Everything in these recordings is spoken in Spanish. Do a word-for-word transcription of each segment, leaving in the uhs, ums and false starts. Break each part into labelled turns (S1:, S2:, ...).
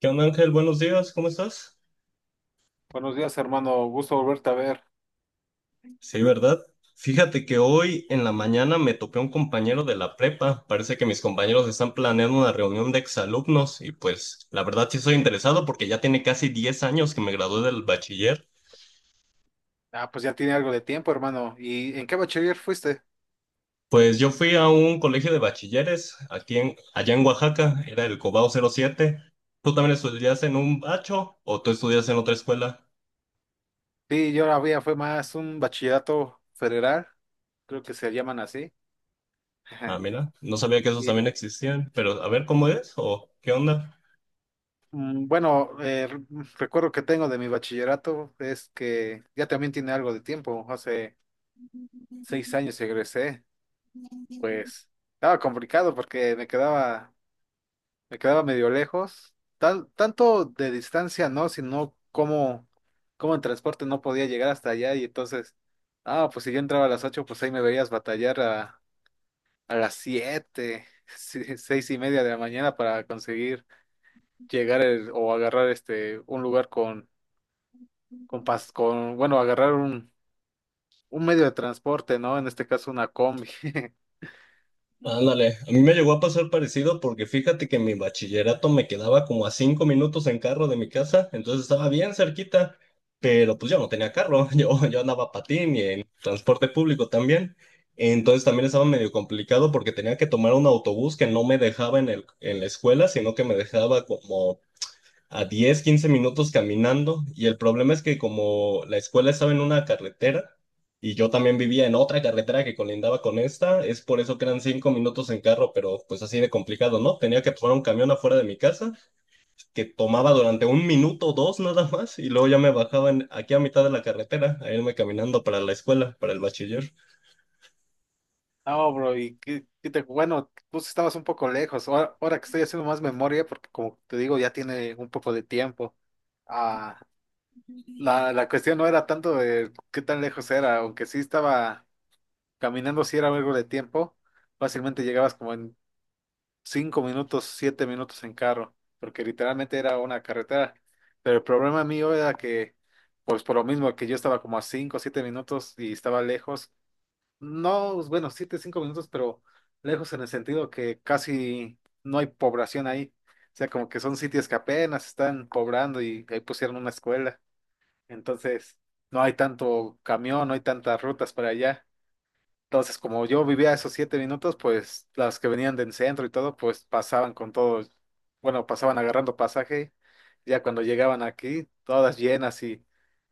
S1: ¿Qué onda, Ángel? Buenos días, ¿cómo estás?
S2: Buenos días, hermano. Gusto volverte a ver.
S1: Sí, ¿verdad? Fíjate que hoy en la mañana me topé a un compañero de la prepa. Parece que mis compañeros están planeando una reunión de exalumnos y pues la verdad sí estoy interesado porque ya tiene casi diez años que me gradué del bachiller.
S2: Ah, pues ya tiene algo de tiempo, hermano. ¿Y en qué bachiller fuiste?
S1: Pues yo fui a un colegio de bachilleres aquí en, allá en Oaxaca, era el Cobao cero siete. ¿Tú también estudias en un bacho o tú estudias en otra escuela?
S2: Sí, yo la había, fue más un bachillerato federal, creo que se llaman así.
S1: Ah, mira, no sabía que esos
S2: Y
S1: también existían, pero a ver cómo es o qué onda.
S2: mm, bueno, eh, r- mm, recuerdo que tengo de mi bachillerato es que ya también tiene algo de tiempo. Hace seis años egresé. Pues estaba complicado porque me quedaba Me quedaba medio lejos. Tal, tanto de distancia no, sino cómo, cómo en transporte no podía llegar hasta allá. Y entonces, ah, pues si yo entraba a las ocho pues ahí me veías batallar a, a las siete si- seis y media de la mañana para conseguir llegar el- o agarrar este un lugar con, con, pas- con bueno, agarrar un, un medio de transporte, ¿no? En este caso una combi.
S1: Ándale, a mí me llegó a pasar parecido porque fíjate que mi bachillerato me quedaba como a cinco minutos en carro de mi casa, entonces estaba bien cerquita, pero pues yo no tenía carro, yo, yo andaba a patín y en transporte público también, entonces también estaba medio complicado porque tenía que tomar un autobús que no me dejaba en el, en la escuela, sino que me dejaba como a diez quince minutos caminando y el problema es que como la escuela estaba en una carretera y yo también vivía en otra carretera que colindaba con esta, es por eso que eran cinco minutos en carro, pero pues así de complicado, ¿no? Tenía que tomar un camión afuera de mi casa que tomaba durante un minuto o dos nada más y luego ya me bajaba en- aquí a mitad de la carretera a irme caminando para la escuela, para el bachiller.
S2: No, bro, y qué, qué te- bueno, vos estabas un poco lejos. Ahora, ahora que estoy haciendo más memoria, porque como te digo, ya tiene un poco de tiempo. Ah, la, la cuestión no era tanto de qué tan lejos era, aunque sí estaba caminando, si era algo de tiempo, fácilmente llegabas como en cinco minutos, siete minutos en carro, porque literalmente era una carretera. Pero el problema mío era que, pues por lo mismo que yo estaba como a cinco, o siete minutos y estaba lejos, no, bueno, siete, cinco minutos, pero lejos en el sentido que casi no hay población ahí. O sea, como que son sitios que apenas están poblando y ahí pusieron una escuela. Entonces, no hay tanto camión, no hay tantas rutas para allá. Entonces, como yo vivía esos siete minutos, pues las que venían del centro y todo, pues pasaban con todo, bueno, pasaban agarrando pasaje. Ya cuando llegaban aquí, todas llenas y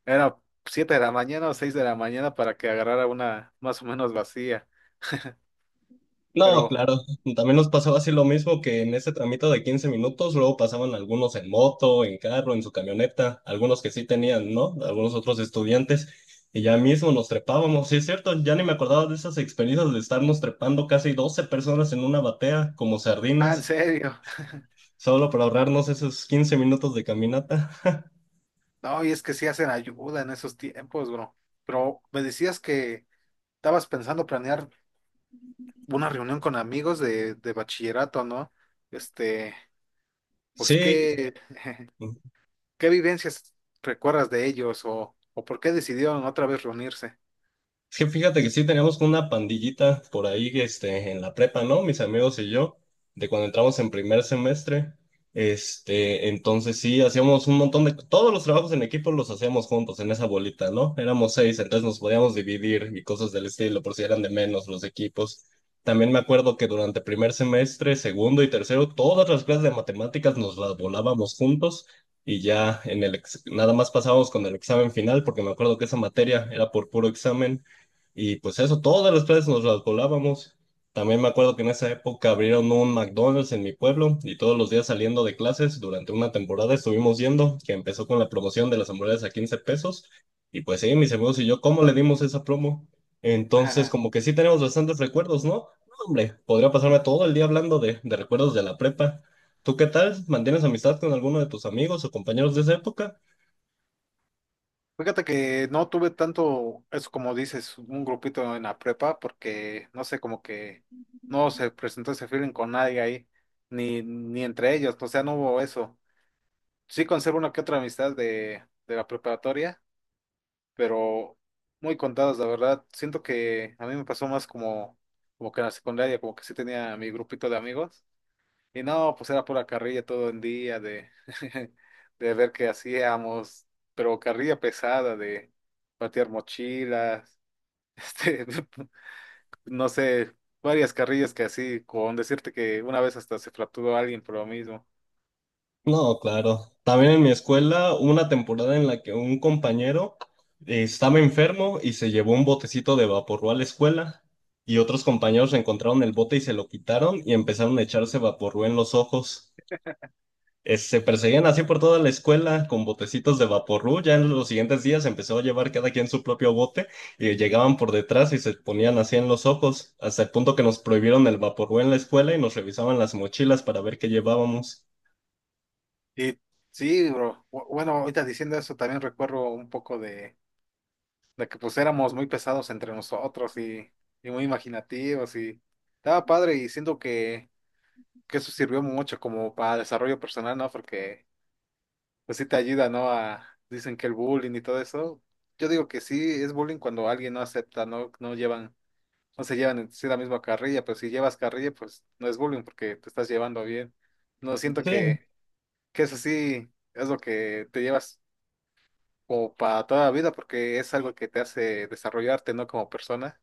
S2: era siete de la mañana o seis de la mañana para que agarrara una más o menos vacía.
S1: No,
S2: Pero,
S1: claro, también nos pasaba así lo mismo que en ese tramito de quince minutos, luego pasaban algunos en moto, en carro, en su camioneta, algunos que sí tenían, ¿no? Algunos otros estudiantes, y ya mismo nos trepábamos, sí es cierto, ya ni me acordaba de esas experiencias de estarnos trepando casi doce personas en una batea, como
S2: ah, en
S1: sardinas,
S2: serio.
S1: solo para ahorrarnos esos quince minutos de caminata.
S2: No, y es que sí hacen ayuda en esos tiempos, bro. Pero me decías que estabas pensando planear una reunión con amigos de, de bachillerato, ¿no? Este, pues,
S1: Sí.
S2: ¿qué, qué vivencias recuerdas de ellos o, o por qué decidieron otra vez reunirse?
S1: Es que fíjate que sí teníamos una pandillita por ahí, este, en la prepa, ¿no? Mis amigos y yo, de cuando entramos en primer semestre. Este, entonces sí, hacíamos un montón de, todos los trabajos en equipo los hacíamos juntos en esa bolita, ¿no? Éramos seis, entonces nos podíamos dividir y cosas del estilo, por si eran de menos los equipos. También me acuerdo que durante primer semestre, segundo y tercero, todas las clases de matemáticas nos las volábamos juntos y ya en el ex- nada más pasábamos con el examen final, porque me acuerdo que esa materia era por puro examen y pues eso, todas las plazas nos las volábamos. También me acuerdo que en esa época abrieron un McDonald's en mi pueblo y todos los días saliendo de clases durante una temporada estuvimos yendo, que empezó con la promoción de las hamburguesas a quince pesos. Y pues sí, mis amigos y yo, ¿cómo le dimos esa promo? Entonces,
S2: Ajá.
S1: como que sí tenemos bastantes recuerdos, ¿no? No, hombre, podría pasarme todo el día hablando de, de recuerdos de la prepa. ¿Tú qué tal? ¿Mantienes amistad con alguno de tus amigos o compañeros de esa época?
S2: Fíjate que no tuve tanto, eso como dices, un grupito en la prepa, porque no sé, como que no se presentó ese feeling con nadie ahí, ni, ni entre ellos, o sea, no hubo eso. Sí conservo una que otra amistad de, de la preparatoria, pero muy contadas, la verdad. Siento que a mí me pasó más como, como que en la secundaria, como que sí tenía mi grupito de amigos. Y no, pues era pura carrilla todo el día de, de ver qué hacíamos, pero carrilla pesada de patear mochilas, este, no sé, varias carrillas que así, con decirte que una vez hasta se fracturó alguien por lo mismo.
S1: No, claro. También en mi escuela hubo una temporada en la que un compañero eh, estaba enfermo y se llevó un botecito de vaporru a la escuela y otros compañeros encontraron el bote y se lo quitaron y empezaron a echarse vaporru en los ojos. Eh, se perseguían así por toda la escuela con botecitos de vaporru. Ya en los siguientes días empezó a llevar cada quien su propio bote y llegaban por detrás y se ponían así en los ojos, hasta el punto que nos prohibieron el vaporru en la escuela y nos revisaban las mochilas para ver qué llevábamos.
S2: Y sí, bro. Bu- Bueno, ahorita diciendo eso, también recuerdo un poco de, de que pues éramos muy pesados entre nosotros y, y muy imaginativos y estaba padre y siento que, que eso sirvió mucho como para desarrollo personal, ¿no? Porque pues sí te ayuda, ¿no? A, dicen que el bullying y todo eso. Yo digo que sí es bullying cuando alguien no acepta, no, no llevan, no se llevan en sí la misma carrilla, pero si llevas carrilla, pues no es bullying porque te estás llevando bien. No siento
S1: Sí.
S2: que, que eso sí es lo que te llevas o para toda la vida, porque es algo que te hace desarrollarte, ¿no? Como persona.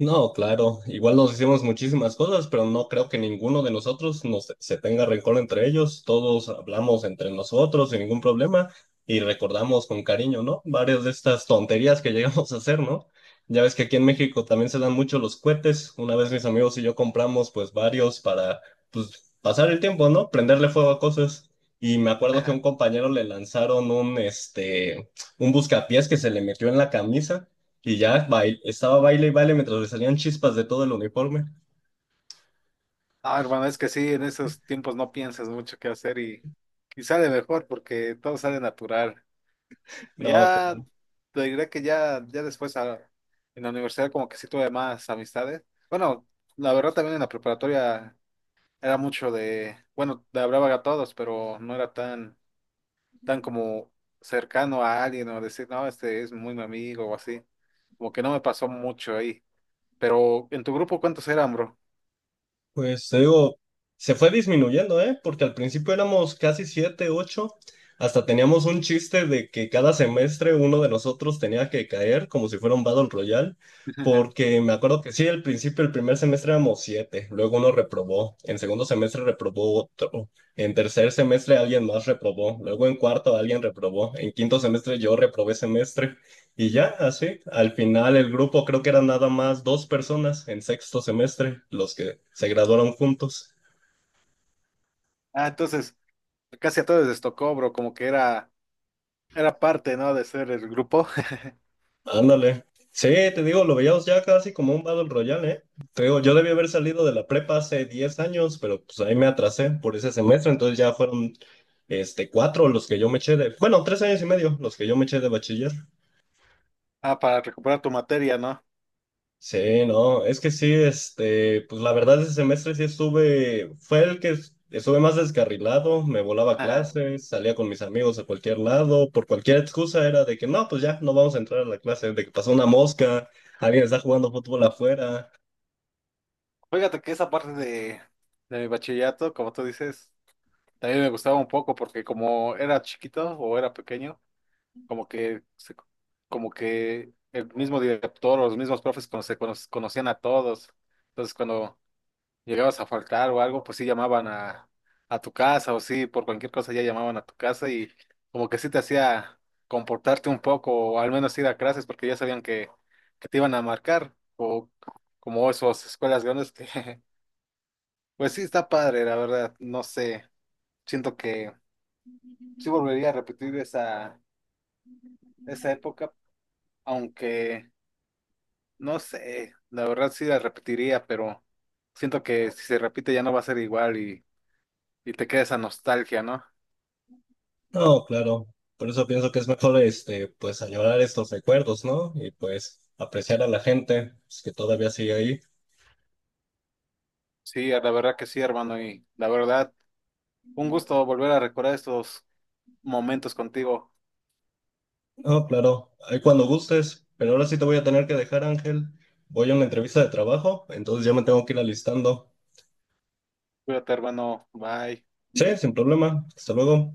S1: No, claro, igual nos hicimos muchísimas cosas, pero no creo que ninguno de nosotros nos, se tenga rencor entre ellos. Todos hablamos entre nosotros sin ningún problema y recordamos con cariño, ¿no? Varias de estas tonterías que llegamos a hacer, ¿no? Ya ves que aquí en México también se dan mucho los cohetes. Una vez mis amigos y yo compramos pues varios para pues pasar el tiempo, ¿no? Prenderle fuego a cosas. Y me acuerdo que a un compañero le lanzaron un este un buscapiés que se le metió en la camisa. Y ya bail- estaba baile y baile mientras le salían chispas de todo el uniforme.
S2: Ah, hermano, es que sí, en esos tiempos no piensas mucho qué hacer y, y sale mejor porque todo sale natural.
S1: No, co-
S2: Ya te diré que ya, ya después a- en la universidad como que sí tuve más amistades. Bueno, la verdad también en la preparatoria era mucho de, bueno, le hablaba a todos, pero no era tan, tan como cercano a alguien o decir, no, este es muy mi amigo o así. Como que no me pasó mucho ahí. Pero en tu grupo, ¿cuántos eran, bro?
S1: Pues te digo, se fue disminuyendo, ¿eh? Porque al principio éramos casi siete, ocho. Hasta teníamos un chiste de que cada semestre uno de nosotros tenía que caer como si fuera un Battle Royale. Porque me acuerdo que sí, al principio, el primer semestre éramos siete, luego uno reprobó, en segundo semestre reprobó otro, en tercer semestre alguien más reprobó, luego en cuarto alguien reprobó, en quinto semestre yo reprobé semestre. Y ya, así, al final el grupo creo que eran nada más dos personas en sexto semestre, los que se graduaron juntos.
S2: Ah, entonces, casi a todos les tocó, bro, como que era, era parte, ¿no? De ser el grupo.
S1: Ándale. Sí, te digo, lo veíamos ya casi como un Battle Royale, ¿eh? Te digo, yo debí haber salido de la prepa hace diez años, pero pues ahí me atrasé por ese semestre, entonces ya fueron este, cuatro los que yo me eché de, bueno, tres años y medio los que yo me eché de bachiller.
S2: Ah, para recuperar tu materia, ¿no?
S1: Sí, no, es que sí, este, pues la verdad ese semestre sí estuve, fue el que es- estuve más descarrilado, me volaba
S2: Ajá.
S1: clases, salía con mis amigos a cualquier lado, por cualquier excusa era de que no, pues ya, no vamos a entrar a la clase, de que pasó una mosca, alguien está jugando fútbol afuera,
S2: Fíjate que esa parte de, de mi bachillerato, como tú dices, también me gustaba un poco porque como era chiquito o era pequeño, como que, se- como que el mismo director o los mismos profes cono- se cono- conocían a todos. Entonces, cuando llegabas a faltar o algo, pues sí llamaban a, a tu casa o sí, por cualquier cosa ya llamaban a tu casa y como que sí te hacía comportarte un poco o al menos ir a clases porque ya sabían que, que te iban a marcar o como esas escuelas grandes que pues sí está padre, la verdad, no sé, siento que sí volvería a repetir esa, esa época, aunque no sé, la verdad sí la repetiría, pero siento que si se repite ya no va a ser igual y, y te queda esa nostalgia, ¿no?
S1: no, claro, por eso pienso que es mejor, este, pues añorar estos recuerdos, ¿no? Y pues apreciar a la gente, pues, que todavía sigue ahí.
S2: Sí, la verdad que sí, hermano, y la verdad, un gusto volver a recordar estos momentos contigo.
S1: No, claro, ahí cuando gustes, pero ahora sí te voy a tener que dejar, Ángel. Voy a una entrevista de trabajo, entonces ya me tengo que ir alistando.
S2: Cuídate, hermano. Bye.
S1: Sí, sin problema. Hasta luego.